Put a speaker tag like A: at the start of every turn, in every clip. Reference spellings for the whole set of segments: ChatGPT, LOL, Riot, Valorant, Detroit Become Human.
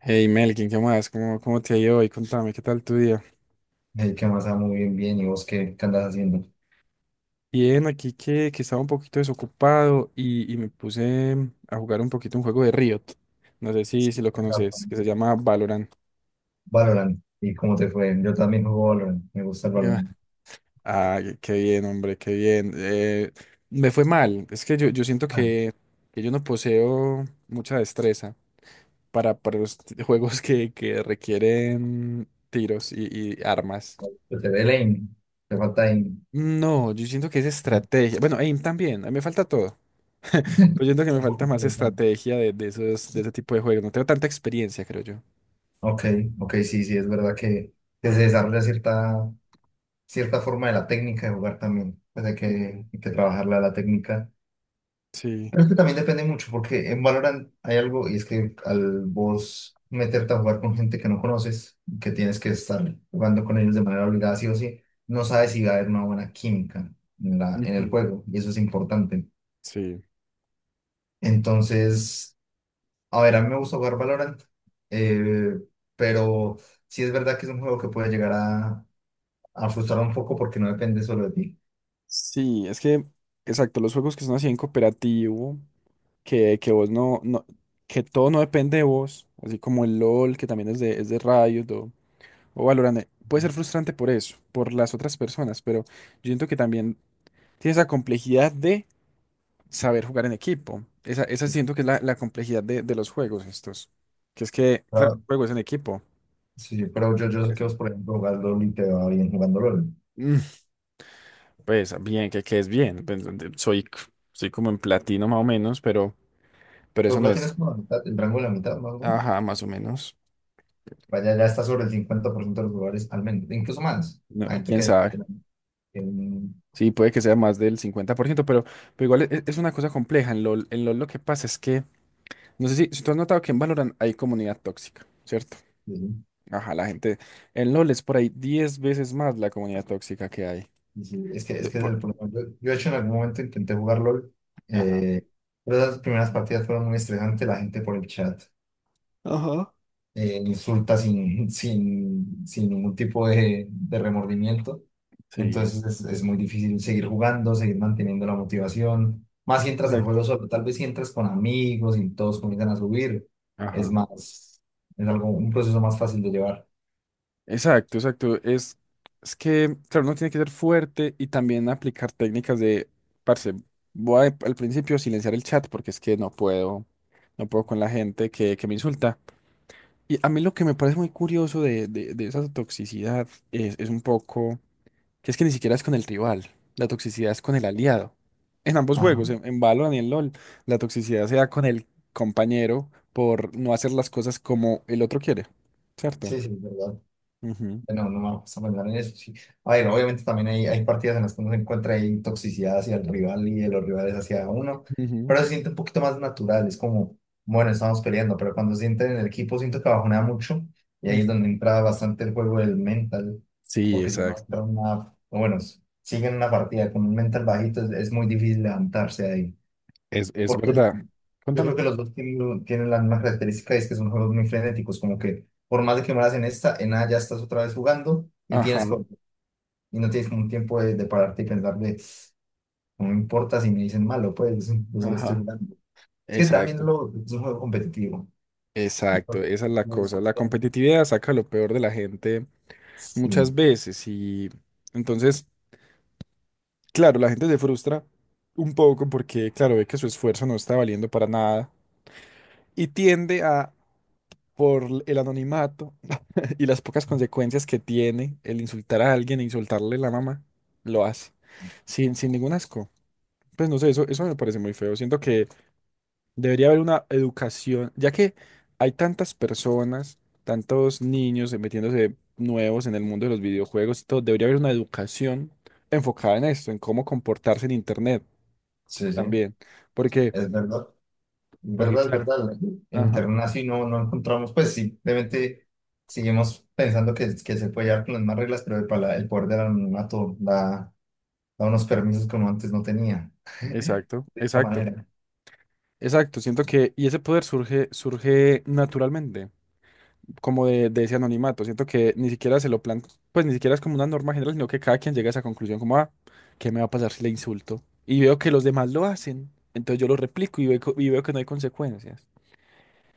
A: Hey Melkin, ¿qué más? ¿Cómo te ha ido hoy? Contame, ¿qué tal tu día?
B: Hey, ¿qué más? Muy bien, bien. ¿Y vos qué andas haciendo?
A: Bien, aquí que estaba un poquito desocupado y me puse a jugar un poquito un juego de Riot. No sé si lo
B: Exacto.
A: conoces, que se llama Valorant.
B: Valorant. ¿Y cómo te fue? Yo también juego Valorant. Me gusta el
A: Ya.
B: Valorant.
A: Ah, qué bien, hombre, qué bien. Me fue mal. Es que yo siento
B: Ah,
A: que yo no poseo mucha destreza para los juegos que requieren tiros y armas.
B: Yo te ve lane. Te falta aim.
A: No, yo siento que es estrategia. Bueno, aim también, a mí me falta todo. Pues yo siento que me
B: Un
A: falta
B: poquito
A: más
B: de plan.
A: estrategia de, esos, de ese tipo de juegos. No tengo tanta experiencia, creo yo.
B: Ok, ok, sí, sí, es verdad que se desarrolla cierta forma de la técnica de jugar también. Pues hay que,
A: Ujú.
B: hay que trabajarla la técnica.
A: Sí.
B: Creo que también depende mucho, porque en Valorant hay algo, y es que al vos meterte a jugar con gente que no conoces, que tienes que estar jugando con ellos de manera obligada, sí o sí, no sabes si va a haber una buena química en el
A: Ujú.
B: juego, y eso es importante.
A: Sí.
B: Entonces, a ver, a mí me gusta jugar Valorant, eh, pero sí es verdad que es un juego que puede llegar a frustrar un poco porque no depende solo de ti.
A: Sí, es que, exacto, los juegos que son así en cooperativo, que vos no, que todo no depende de vos, así como el LOL, que también es de Riot o Valorant, puede ser frustrante por eso, por las otras personas, pero yo siento que también tiene esa complejidad de saber jugar en equipo. Esa
B: Sí,
A: siento que es la complejidad de los juegos estos. Que es que, claro, el
B: pero,
A: juego es en equipo.
B: sí, pero yo
A: Por
B: sé que vos,
A: ejemplo.
B: por ejemplo, jugando LOL y te va bien jugando LOL.
A: Mm, Pues bien, que es bien. Pues, soy, soy como en platino más o menos, pero
B: Los
A: eso no
B: platinos
A: es.
B: es como la mitad, el rango de la mitad, más o menos.
A: Ajá, más o menos.
B: Vaya, ya está sobre el 50% de los lugares, al menos, incluso más.
A: No,
B: La gente
A: quién
B: que hay
A: sabe.
B: Platino. en-
A: Sí, puede que sea más del 50% pero igual es, una cosa compleja. En LOL lo que pasa es que, no sé si tú has notado que en Valorant hay comunidad tóxica, ¿cierto?
B: en-
A: Ajá, la gente. En LOL es por ahí 10 veces más la comunidad tóxica que hay.
B: sí, sí, es que, es que es
A: Por-
B: el problema. Yo, de hecho, en algún momento intenté jugar LOL,
A: Ajá.
B: eh, pero esas primeras partidas fueron muy estresantes, la gente por el chat.
A: Ajá,
B: Insulta sin ningún tipo de remordimiento.
A: sí,
B: Entonces es muy difícil seguir jugando, seguir manteniendo la motivación. Más si entras al
A: exacto.
B: juego solo, tal vez si entras con amigos y todos comienzan a subir,
A: Ajá.
B: es más, es algo, un proceso más fácil de llevar.
A: Exacto, exacto. Es que, claro, uno tiene que ser fuerte y también aplicar técnicas de, parce, al principio silenciar el chat porque es que no puedo con la gente que me insulta. Y a mí lo que me parece muy curioso de esa toxicidad es un poco, que es que ni siquiera es con el rival, la toxicidad es con el aliado. En ambos
B: Ajá.
A: juegos, en Valorant y en LoL, la toxicidad se da con el compañero por no hacer las cosas como el otro quiere, ¿cierto?
B: Sí, sí, es verdad.
A: Ujú,
B: Bueno, no, no vamos a pensar en eso. Sí. A ver, obviamente también hay partidas en las que uno se encuentra ahí toxicidad hacia el rival y de los rivales hacia uno,
A: ujú,
B: pero se siente un poquito más natural. Es como, bueno, estamos peleando, pero cuando se siente en el equipo, siento que bajonea mucho y ahí
A: ujú.
B: es donde entra bastante el juego del mental,
A: Sí,
B: porque si no
A: exacto.
B: entra una, o bueno, sigue en una partida con un mental bajito, es muy difícil levantarse ahí
A: Es
B: porque
A: verdad.
B: yo creo
A: Cuéntame.
B: que los dos tienen, tienen la misma característica y es que son juegos muy frenéticos, como que por más de que mueras en esta, en nada ya estás otra vez jugando y
A: Ajá,
B: tienes y no tienes como un tiempo de pararte y pensar de, no me importa si me dicen malo, pues yo solo estoy
A: ajá.
B: jugando. Es que también
A: Exacto,
B: lo, es un juego competitivo.
A: exacto. Esa es la
B: Entonces,
A: cosa. La competitividad saca lo peor de la gente muchas
B: sí,
A: veces y entonces, claro, la gente se frustra un poco porque, claro, ve que su esfuerzo no está valiendo para nada y tiende a, por el anonimato y las pocas consecuencias que tiene el insultar a alguien e insultarle la mamá, lo hace, sin ningún asco. Pues no sé, eso me parece muy feo. Siento que debería haber una educación, ya que hay tantas personas, tantos niños metiéndose nuevos en el mundo de los videojuegos y todo, debería haber una educación enfocada en esto, en cómo comportarse en internet
B: sí, sí,
A: también. Porque,
B: es verdad.
A: porque
B: ¿Verdad?
A: claro,
B: ¿Verdad? En
A: ajá,
B: Ternaci no, no encontramos, pues simplemente seguimos pensando que se puede llevar con las más reglas, pero el poder del anonimato da, da unos permisos que uno antes no tenía,
A: exacto,
B: de esta
A: exacto.
B: manera.
A: Exacto, siento que, y ese poder surge, surge naturalmente, como de ese anonimato. Siento que ni siquiera se lo plantea, pues ni siquiera es como una norma general, sino que cada quien llega a esa conclusión como, ah, ¿qué me va a pasar si le insulto? Y veo que los demás lo hacen, entonces yo lo replico y veo que no hay consecuencias.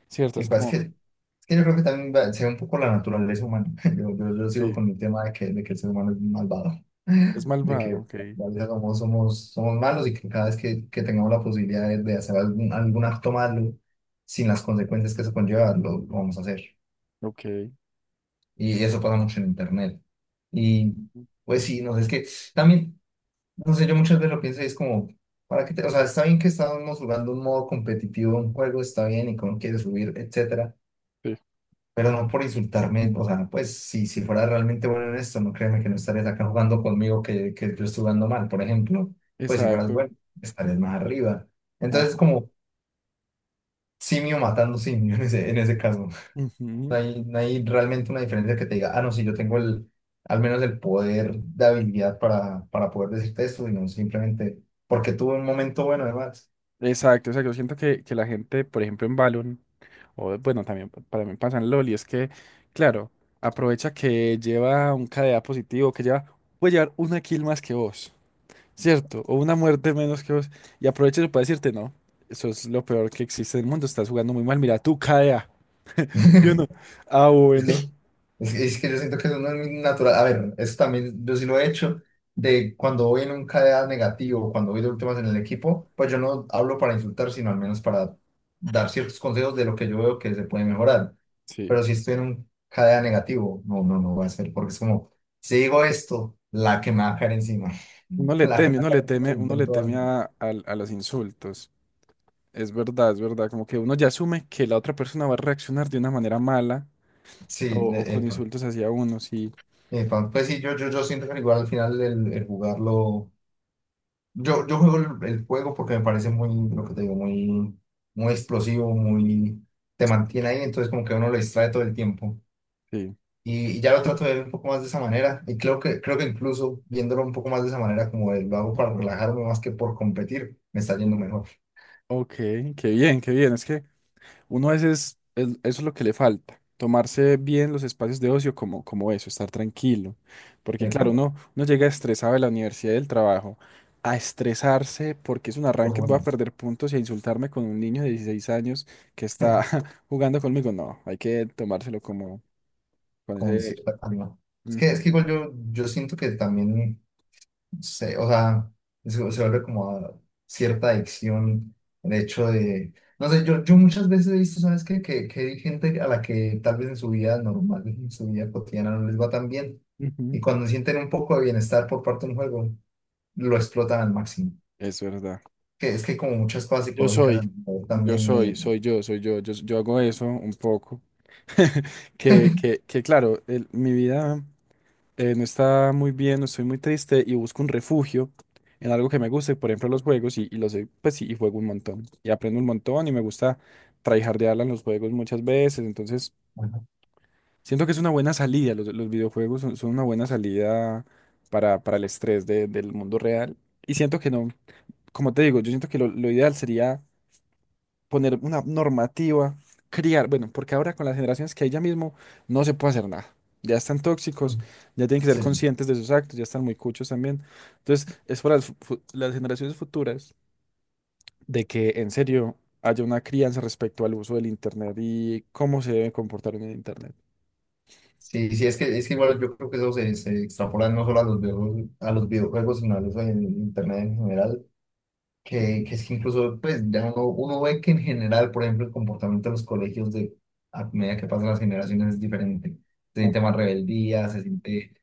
A: Cierto, es
B: El cual
A: como,
B: es que yo creo que también se ve un poco la naturaleza humana. Yo sigo
A: sí,
B: con el tema de que el ser humano es malvado,
A: es
B: de que
A: malvado, ok,
B: a veces somos malos y que cada vez que tengamos la posibilidad de hacer algún acto malo sin las consecuencias que eso conlleva, lo vamos a hacer.
A: ok,
B: Y eso pasa mucho en internet. Y pues sí, no sé, es que también, no sé, yo muchas veces lo pienso y es como, O sea, está bien que estamos jugando un modo competitivo, un juego, está bien y cómo quieres subir, etcétera,
A: sí,
B: pero no por insultarme, o sea, pues sí, si fuera realmente bueno en esto, no créeme que no estarías acá jugando conmigo que yo estoy jugando mal, por ejemplo, pues si fueras
A: exacto.
B: bueno, estarías más arriba.
A: Ajá,
B: Entonces, como simio matando simio en ese caso. No
A: ujú.
B: hay, no hay realmente una diferencia que te diga, ah, no, sí, yo tengo el, al menos el poder de habilidad para poder decirte esto, sino simplemente porque tuve un momento bueno, además.
A: Exacto, exacto. Siento que la gente, por ejemplo, en Valorant, o bueno, también para mí pasa en LOL y es que, claro, aprovecha que lleva un KDA positivo, puede llevar una kill más que vos, ¿cierto? O una muerte menos que vos. Y aprovecha eso para decirte, no, eso es lo peor que existe en el mundo, estás jugando muy mal, mira tu KDA. Y uno, ah,
B: Es
A: bueno.
B: que, es que yo siento que eso no es natural. A ver, eso también yo sí lo he hecho. De cuando voy en un KDA negativo, cuando voy de últimas en el equipo, pues yo no hablo para insultar, sino al menos para dar ciertos consejos de lo que yo veo que se puede mejorar.
A: Sí.
B: Pero si estoy en un KDA negativo, no, no, no va a ser, porque es como, si digo esto, la que me va a caer encima.
A: Uno
B: Mm.
A: le
B: La que me
A: teme,
B: va a
A: uno le
B: caer encima
A: teme,
B: del
A: uno le
B: intento.
A: teme a los insultos. Es verdad, es verdad. Como que uno ya asume que la otra persona va a reaccionar de una manera mala
B: Sí,
A: o con
B: epa,
A: insultos hacia uno, sí,
B: epa. Pues pues sí, yo siento que igual al final el jugarlo. Yo juego el juego porque me parece muy, lo que te digo, muy, muy explosivo, muy, te mantiene ahí, entonces como que uno lo distrae todo el tiempo.
A: sí.
B: Y ya lo trato de ver un poco más de esa manera. Y creo que incluso viéndolo un poco más de esa manera, como lo hago para relajarme más que por competir, me está yendo mejor.
A: Ok, qué bien, qué bien. Es que uno a veces eso es lo que le falta, tomarse bien los espacios de ocio como eso, estar tranquilo. Porque claro,
B: Epa,
A: uno llega estresado de la universidad y del trabajo a estresarse porque es un
B: pues
A: arranque, voy a
B: bueno,
A: perder puntos y a insultarme con un niño de 16 años que está jugando conmigo. No, hay que tomárselo como con
B: con
A: ese,
B: cierta calma. Es que
A: ujú,
B: igual yo, yo siento que también o sea, se vuelve como a cierta adicción, el hecho de, no sé, yo muchas veces he visto, ¿sabes qué? Que hay gente a la que tal vez en su vida normal, en su vida cotidiana no les va tan bien,
A: ujú.
B: y cuando sienten un poco de bienestar por parte de un juego, lo explotan al máximo.
A: Es verdad.
B: Que es que como muchas cosas
A: Yo
B: psicológicas también de...
A: soy yo, soy yo, Yo hago eso un poco. Que claro, mi vida, no está muy bien, no estoy muy triste y busco un refugio en algo que me guste, por ejemplo, los juegos y pues sí, y juego un montón y aprendo un montón y me gusta tryhardearla en los juegos muchas veces, entonces
B: Ajá.
A: siento que es una buena salida, los videojuegos son una buena salida para el estrés del mundo real y siento que no, como te digo, yo siento que lo ideal sería poner una normativa, criar, bueno, porque ahora con las generaciones que hay ya mismo no se puede hacer nada. Ya están tóxicos, ya tienen que ser
B: Sí,
A: conscientes de sus actos, ya están muy cuchos también. Entonces, es para las, las generaciones futuras de que en serio haya una crianza respecto al uso del Internet y cómo se debe comportar en el Internet.
B: sí, sí, es que igual yo creo que eso se, se extrapola no solo a los videojuegos, sino a eso en internet en general que es que incluso pues ya uno, uno ve que en general, por ejemplo, el comportamiento de los colegios de, a medida que pasan las generaciones es diferente. Se siente
A: Ajá.
B: más rebeldía, se siente,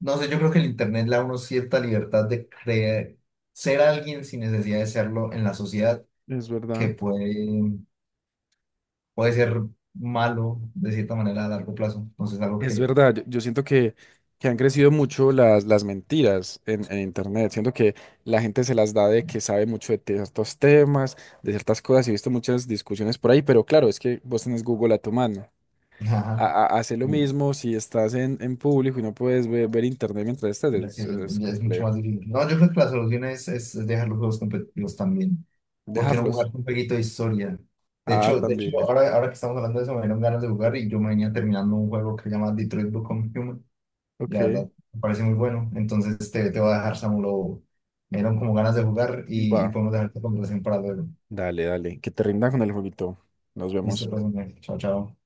B: no sé, yo creo que el internet le da a uno cierta libertad de creer, ser alguien sin necesidad de serlo en la sociedad,
A: Es
B: que
A: verdad.
B: puede, puede ser malo de cierta manera a largo plazo. Entonces es algo
A: Es
B: que,
A: verdad, yo siento que han crecido mucho las mentiras en Internet. Siento que la gente se las da de que sabe mucho de ciertos temas, de ciertas cosas. He visto muchas discusiones por ahí, pero claro, es que vos tenés Google a tu mano.
B: ajá,
A: Hace lo mismo si estás en público y no puedes ver Internet mientras estás,
B: ya que
A: es,
B: es,
A: es
B: ya es mucho más
A: complejo.
B: difícil. No, yo creo que la solución es, es dejar los juegos competitivos también. ¿Por qué no jugar
A: Dejarlos.
B: un jueguito de historia?
A: Ah,
B: De hecho
A: también.
B: ahora, ahora que estamos hablando de eso, me dieron ganas de jugar y yo me venía terminando un juego que se llama Detroit Become Human. Y la
A: Ok,
B: verdad, me parece muy bueno. Entonces te voy a dejar, Samuel. Me dieron como ganas de jugar y
A: va.
B: podemos dejar esta conversación para luego.
A: Dale, dale. Que te rinda con el jueguito. Nos
B: Listo,
A: vemos.
B: pues, hombre. Chao, chao.